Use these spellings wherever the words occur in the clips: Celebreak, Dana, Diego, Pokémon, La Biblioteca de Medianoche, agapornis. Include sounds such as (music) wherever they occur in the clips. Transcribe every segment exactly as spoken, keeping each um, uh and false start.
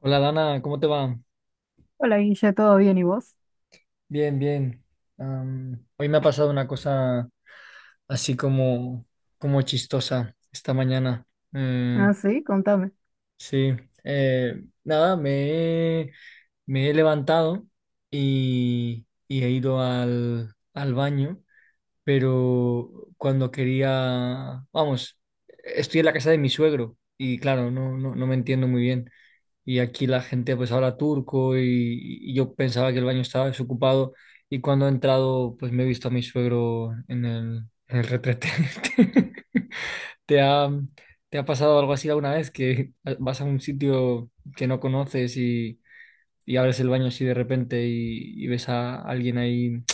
Hola Dana, ¿cómo te va? Hola Guille, ¿todo bien y vos? Bien, bien. Am, hoy me ha pasado una cosa así como, como chistosa esta mañana. Eh, Ah, sí, contame. sí, eh, nada, me he, me he levantado y, y he ido al, al baño, pero cuando quería, vamos, estoy en la casa de mi suegro y claro, no, no, no me entiendo muy bien. Y aquí la gente pues habla turco y, y yo pensaba que el baño estaba desocupado y cuando he entrado pues me he visto a mi suegro en el, en el retrete. (laughs) ¿Te ha, te ha pasado algo así alguna vez que vas a un sitio que no conoces y, y abres el baño así de repente y, y ves a alguien ahí en,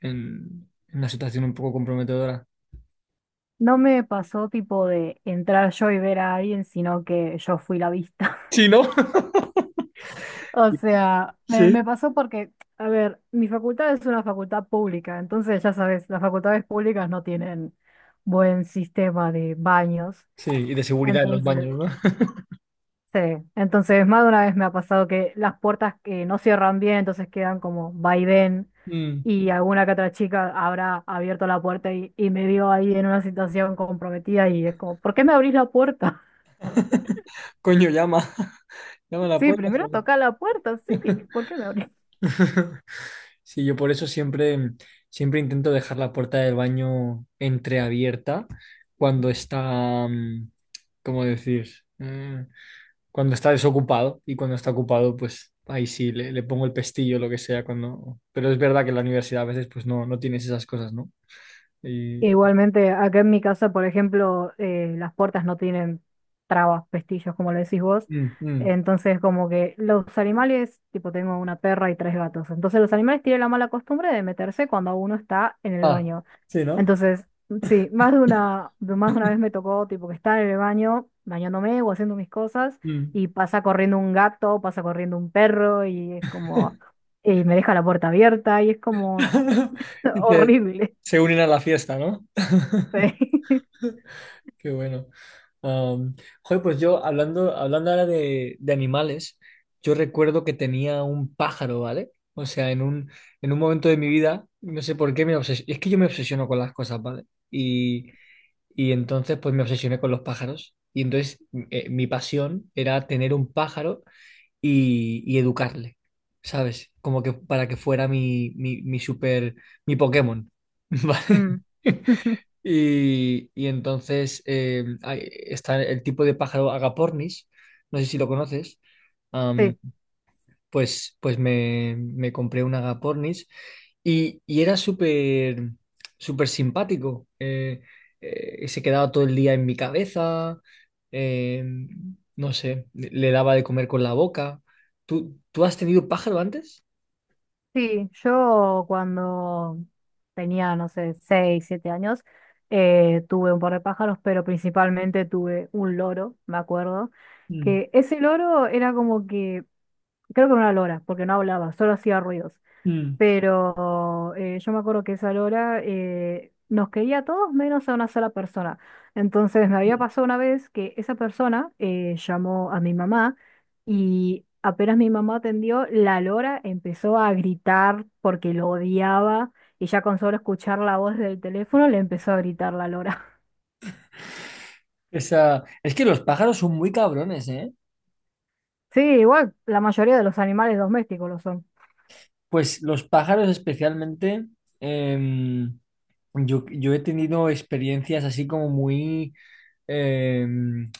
en una situación un poco comprometedora? No me pasó tipo de entrar yo y ver a alguien, sino que yo fui la vista. (laughs) Sí, ¿no? O sea, me, Sí. me pasó porque, a ver, mi facultad es una facultad pública, entonces ya sabes, las facultades públicas no tienen buen sistema de baños. Sí, y de seguridad en los Entonces, baños, ¿no? sí, entonces más de una vez me ha pasado que las puertas que no cierran bien, entonces quedan como va y ven, Mm. y alguna que otra chica habrá abierto la puerta y, y me vio ahí en una situación comprometida y es como, ¿por qué me abrís la puerta? (laughs) Coño, llama. (laughs) Llama a la Sí, puerta. primero toca la puerta, ¿Sabes? sí, (laughs) ¿por qué me abrís? (laughs) Sí, yo por eso siempre, siempre intento dejar la puerta del baño entreabierta cuando está, mm, ¿cómo decir? Mm, Cuando está desocupado y cuando está ocupado, pues ahí sí, le, le pongo el pestillo, lo que sea, cuando... Pero es verdad que en la universidad a veces pues no, no tienes esas cosas, ¿no? Y... Igualmente, acá en mi casa, por ejemplo, eh, las puertas no tienen trabas, pestillos, como le decís vos. Mm, mm. Entonces, como que los animales, tipo, tengo una perra y tres gatos. Entonces, los animales tienen la mala costumbre de meterse cuando uno está en el Ah, baño. sí, ¿no? Entonces, sí, más de una, de- más de una vez me tocó, tipo, que estar en el baño, bañándome o haciendo mis cosas, Mm. y pasa corriendo un gato, pasa corriendo un perro, y es como, y me deja la puerta abierta, y es como (laughs) (laughs) Y se, horrible. se unen a la fiesta, ¿no? (laughs) Sí. Qué bueno. Am, joder, pues yo hablando, hablando ahora de, de animales, yo recuerdo que tenía un pájaro, ¿vale? O sea, en un, en un momento de mi vida, no sé por qué me obsesioné. Es que yo me obsesiono con las cosas, ¿vale? Y, y entonces, pues me obsesioné con los pájaros. Y entonces, eh, mi pasión era tener un pájaro y, y educarle, ¿sabes? Como que para que fuera mi, mi, mi super, mi Pokémon, (laughs) ¿vale? Mm. (laughs) Y, y entonces eh, hay- está el tipo de pájaro agapornis, no sé si lo conoces, am, Sí, pues, pues me, me compré un agapornis y, y era súper súper simpático. Eh, eh, se quedaba todo el día en mi cabeza, eh, no sé, le le daba de comer con la boca. ¿Tú, tú has tenido pájaro antes? sí, yo cuando tenía, no sé, seis, siete años, eh, tuve un par de pájaros, pero principalmente tuve un loro, me acuerdo, Mm, que ese loro era como que, creo que era una lora, porque no hablaba, solo hacía ruidos. mm. Pero eh, yo me acuerdo que esa Lora eh, nos quería a todos menos a una sola persona. Entonces me había pasado una vez que esa persona eh, llamó a mi mamá y apenas mi mamá atendió, la Lora empezó a gritar porque lo odiaba y ya con solo escuchar la voz del teléfono le empezó a gritar la Lora. (laughs) Esa... Es que los pájaros son muy cabrones, ¿eh? Sí, igual la mayoría de los animales domésticos lo son. Pues los pájaros especialmente, em, yo, yo he tenido experiencias así como muy, eh,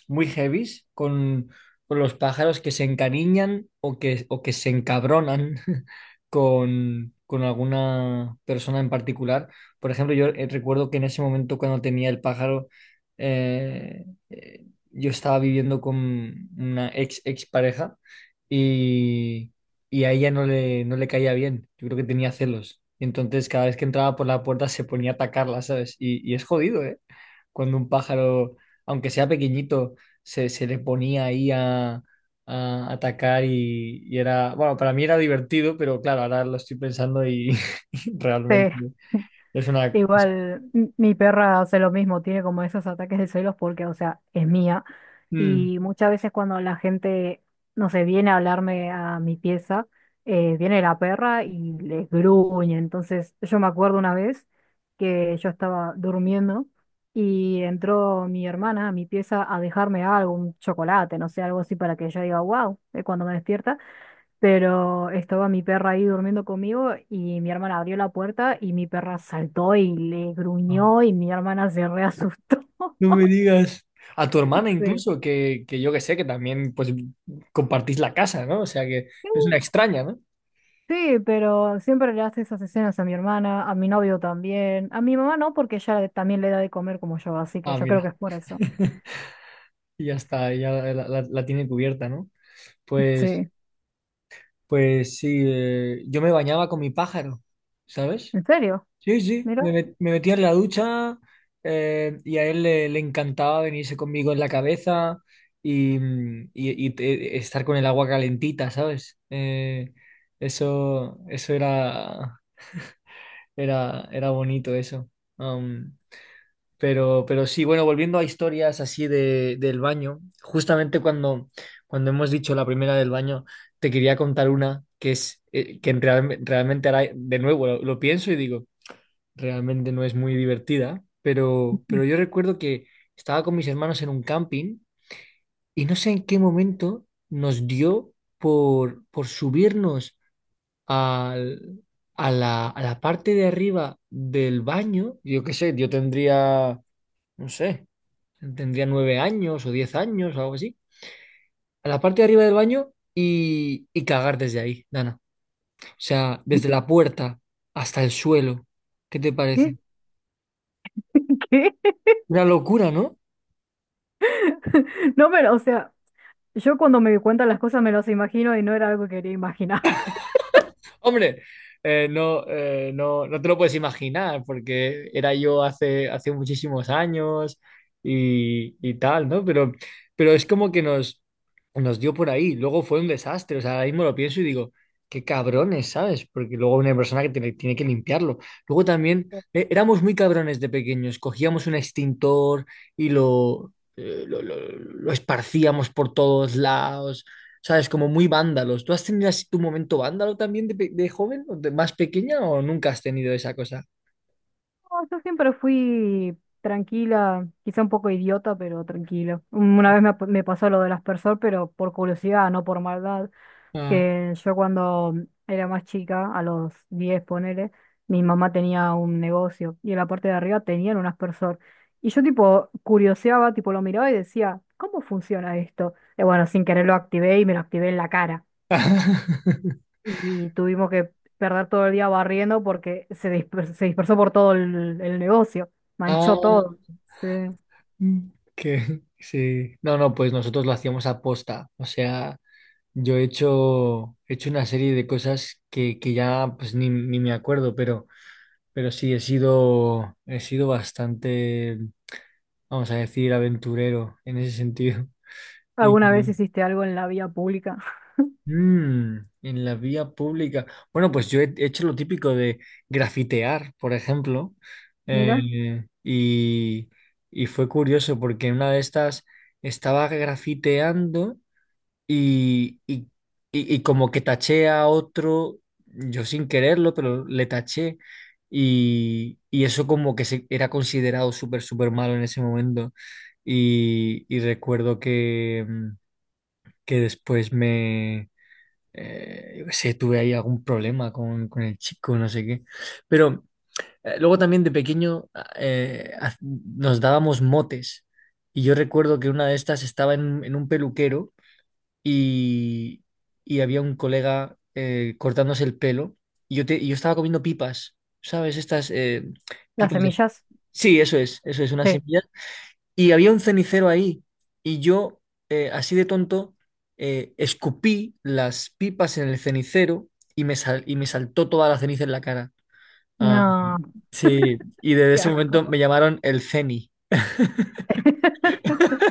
muy heavies con, con los pájaros que se encariñan o que, o que se encabronan (laughs) con, con alguna persona en particular. Por ejemplo, yo eh, recuerdo que en ese momento cuando tenía el pájaro, eh, eh, yo estaba viviendo con una ex, ex pareja y, y a ella no le, no le caía bien. Yo creo que tenía celos. Y entonces cada vez que entraba por la puerta se ponía a atacarla, ¿sabes? Y, y es jodido, ¿eh? Cuando un pájaro, aunque sea pequeñito, se, se le ponía ahí a, a atacar y, y era, bueno, para mí era divertido, pero claro, ahora lo estoy pensando y (laughs) Sí. realmente es una... Igual, m- mi perra hace lo mismo, tiene como esos ataques de celos porque, o sea, es mía. Mm. Y muchas veces cuando la gente, no sé, viene a hablarme a mi pieza, eh, viene la perra y les gruñe. Entonces, yo me acuerdo una vez que yo estaba durmiendo y entró mi hermana a mi pieza a dejarme algo, un chocolate, no sé, algo así para que yo diga, wow, cuando me despierta pero estaba mi perra ahí durmiendo conmigo y mi hermana abrió la puerta y mi perra saltó y le Ah, gruñó y mi hermana se reasustó. no (laughs) me digas. A tu hermana Sí. incluso, que, que yo que sé, que también pues compartís la casa, ¿no? O sea que no es una extraña, ¿no? Sí, pero siempre le hace esas escenas a mi hermana, a mi novio también, a mi mamá no, porque ella le- también le da de comer como yo, así que Ah, yo creo que mira. es por eso. (laughs) Y ya está, ya la, la- la tiene cubierta, ¿no? Pues, Sí, pues sí, eh, yo me bañaba con mi pájaro, ¿sabes? ¿en serio? Sí, sí, Mira, me, met- me metía en la ducha eh, y a él le, le encantaba venirse conmigo en la cabeza y, mm, y- y te- estar con el agua calentita, ¿sabes? Eh, eso, eso era, era, era bonito eso. Am, pero, pero sí, bueno, volviendo a historias así de, del baño, justamente cuando, cuando hemos dicho la primera del baño, te quería contar una que es eh, que en real- realmente ahora, de nuevo lo lo pienso y digo realmente no es muy divertida, pero, pero yo recuerdo que estaba con mis hermanos en un camping y no sé en qué momento nos dio por, por subirnos al- a la, a la parte de arriba del baño. Yo qué sé, yo tendría, no sé, tendría nueve años o diez años o algo así. A la parte de arriba del baño y, y cagar desde ahí, Dana. O sea, desde la puerta hasta el suelo. ¿Qué te ¿qué? parece? (laughs) ¿Qué? Una locura, ¿no? (laughs) No, pero, o sea, yo cuando me cuentan las cosas me las imagino y no era algo que quería imaginar. Hombre, eh, no, eh, no, no te lo puedes imaginar, porque era yo hace, hace muchísimos años y, y tal, ¿no? Pero, pero es como que nos, nos dio por ahí. Luego fue un desastre. O sea, ahora mismo lo pienso y digo, qué cabrones, ¿sabes? Porque luego una persona que tiene, tiene que limpiarlo. Luego también eh, éramos muy cabrones de pequeños. Cogíamos un extintor y lo, eh, lo, lo lo esparcíamos por todos lados. ¿Sabes? Como muy vándalos. ¿Tú has tenido así tu momento vándalo también de, pe- de joven, o de más pequeña, o nunca has tenido esa cosa? No, yo siempre fui tranquila, quizá un poco idiota, pero tranquila. Un- Una vez me, ap- me pasó lo del aspersor, pero por curiosidad, no por maldad, Ah. que yo cuando era más chica, a los diez ponele, mi mamá tenía un negocio y en la parte de arriba tenían un aspersor. Y yo tipo curioseaba, tipo lo miraba y decía, ¿cómo funciona esto? Y bueno, sin querer lo activé y me lo activé en la cara (laughs) y tuvimos que perder todo el día barriendo porque se disper- se dispersó por todo el, el negocio, manchó Ah, todo. Sí. que sí. No, no, pues nosotros lo hacíamos a posta. O sea, yo he hecho, he hecho una serie de cosas que, que ya pues ni, ni me acuerdo, pero, pero sí, he sido, he sido bastante, vamos a decir, aventurero en ese sentido. (laughs) Y, ¿Alguna vez hiciste algo en la vía pública? (laughs) Mm, en la vía pública. Bueno, pues yo he hecho lo típico de grafitear, por ejemplo, Mira, eh, y, y fue curioso porque en una de estas estaba grafiteando y, y, y- y como que taché a otro, yo sin quererlo, pero le taché y, y eso como que se, era considerado súper, súper malo en ese momento. Y, y recuerdo que, mm, que después eh, yo qué sé, tuve ahí algún problema con, con el chico, no sé qué. Pero eh, luego también de pequeño ah, eh, haz- nos dábamos motes y yo recuerdo que una de estas estaba en, en un peluquero y, y había un colega eh, cortándose el pelo y yo, te- y yo estaba comiendo pipas, ¿sabes? Estas eh, las pipas de... semillas. Sí, eso es, eso es, una Sí. semilla y había un cenicero ahí. Y yo, eh, así de tonto, eh, escupí las pipas en el cenicero y me, sal- y me saltó toda la ceniza en la cara. Ah, No, sí, y desde qué ese asco. momento me llamaron el Ceni. (laughs)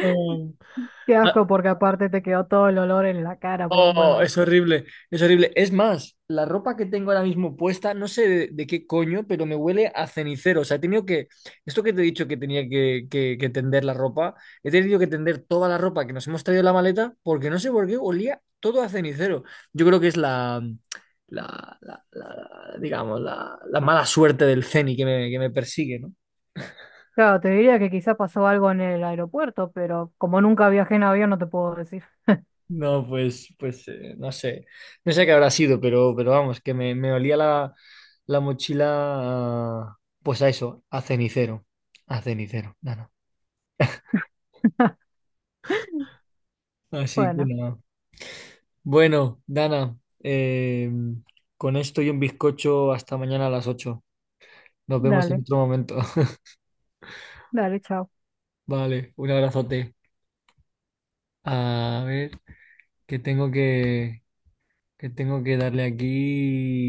Ah, Qué ¿ha- asco porque aparte te quedó todo el olor en la cara por un buen oh, rato. es horrible, es horrible. Es más, la ropa que tengo ahora mismo puesta, no sé de, de qué coño, pero me huele a cenicero. O sea, he tenido que, esto que te he dicho que tenía que, que- que tender la ropa, he tenido que tender toda la ropa que nos hemos traído en la maleta porque no sé por qué olía todo a cenicero. Yo creo que es la, la, la- la- digamos, la, la mala suerte del ceni que me, que me persigue, ¿no? Claro, te diría que quizás pasó algo en el aeropuerto, pero como nunca viajé en avión no te puedo decir. No, pues, pues eh, no sé. No sé qué habrá sido, pero, pero vamos, que me, me olía la, la mochila, a- pues a eso, a cenicero. A cenicero, Dana. (laughs) Así que Bueno, nada. Bueno, Dana, eh, con esto y un bizcocho hasta mañana a las ocho. Nos vemos en dale, otro momento. (laughs) dale, chao. Vale, un abrazote. A ver, que tengo que, que tengo que, darle aquí.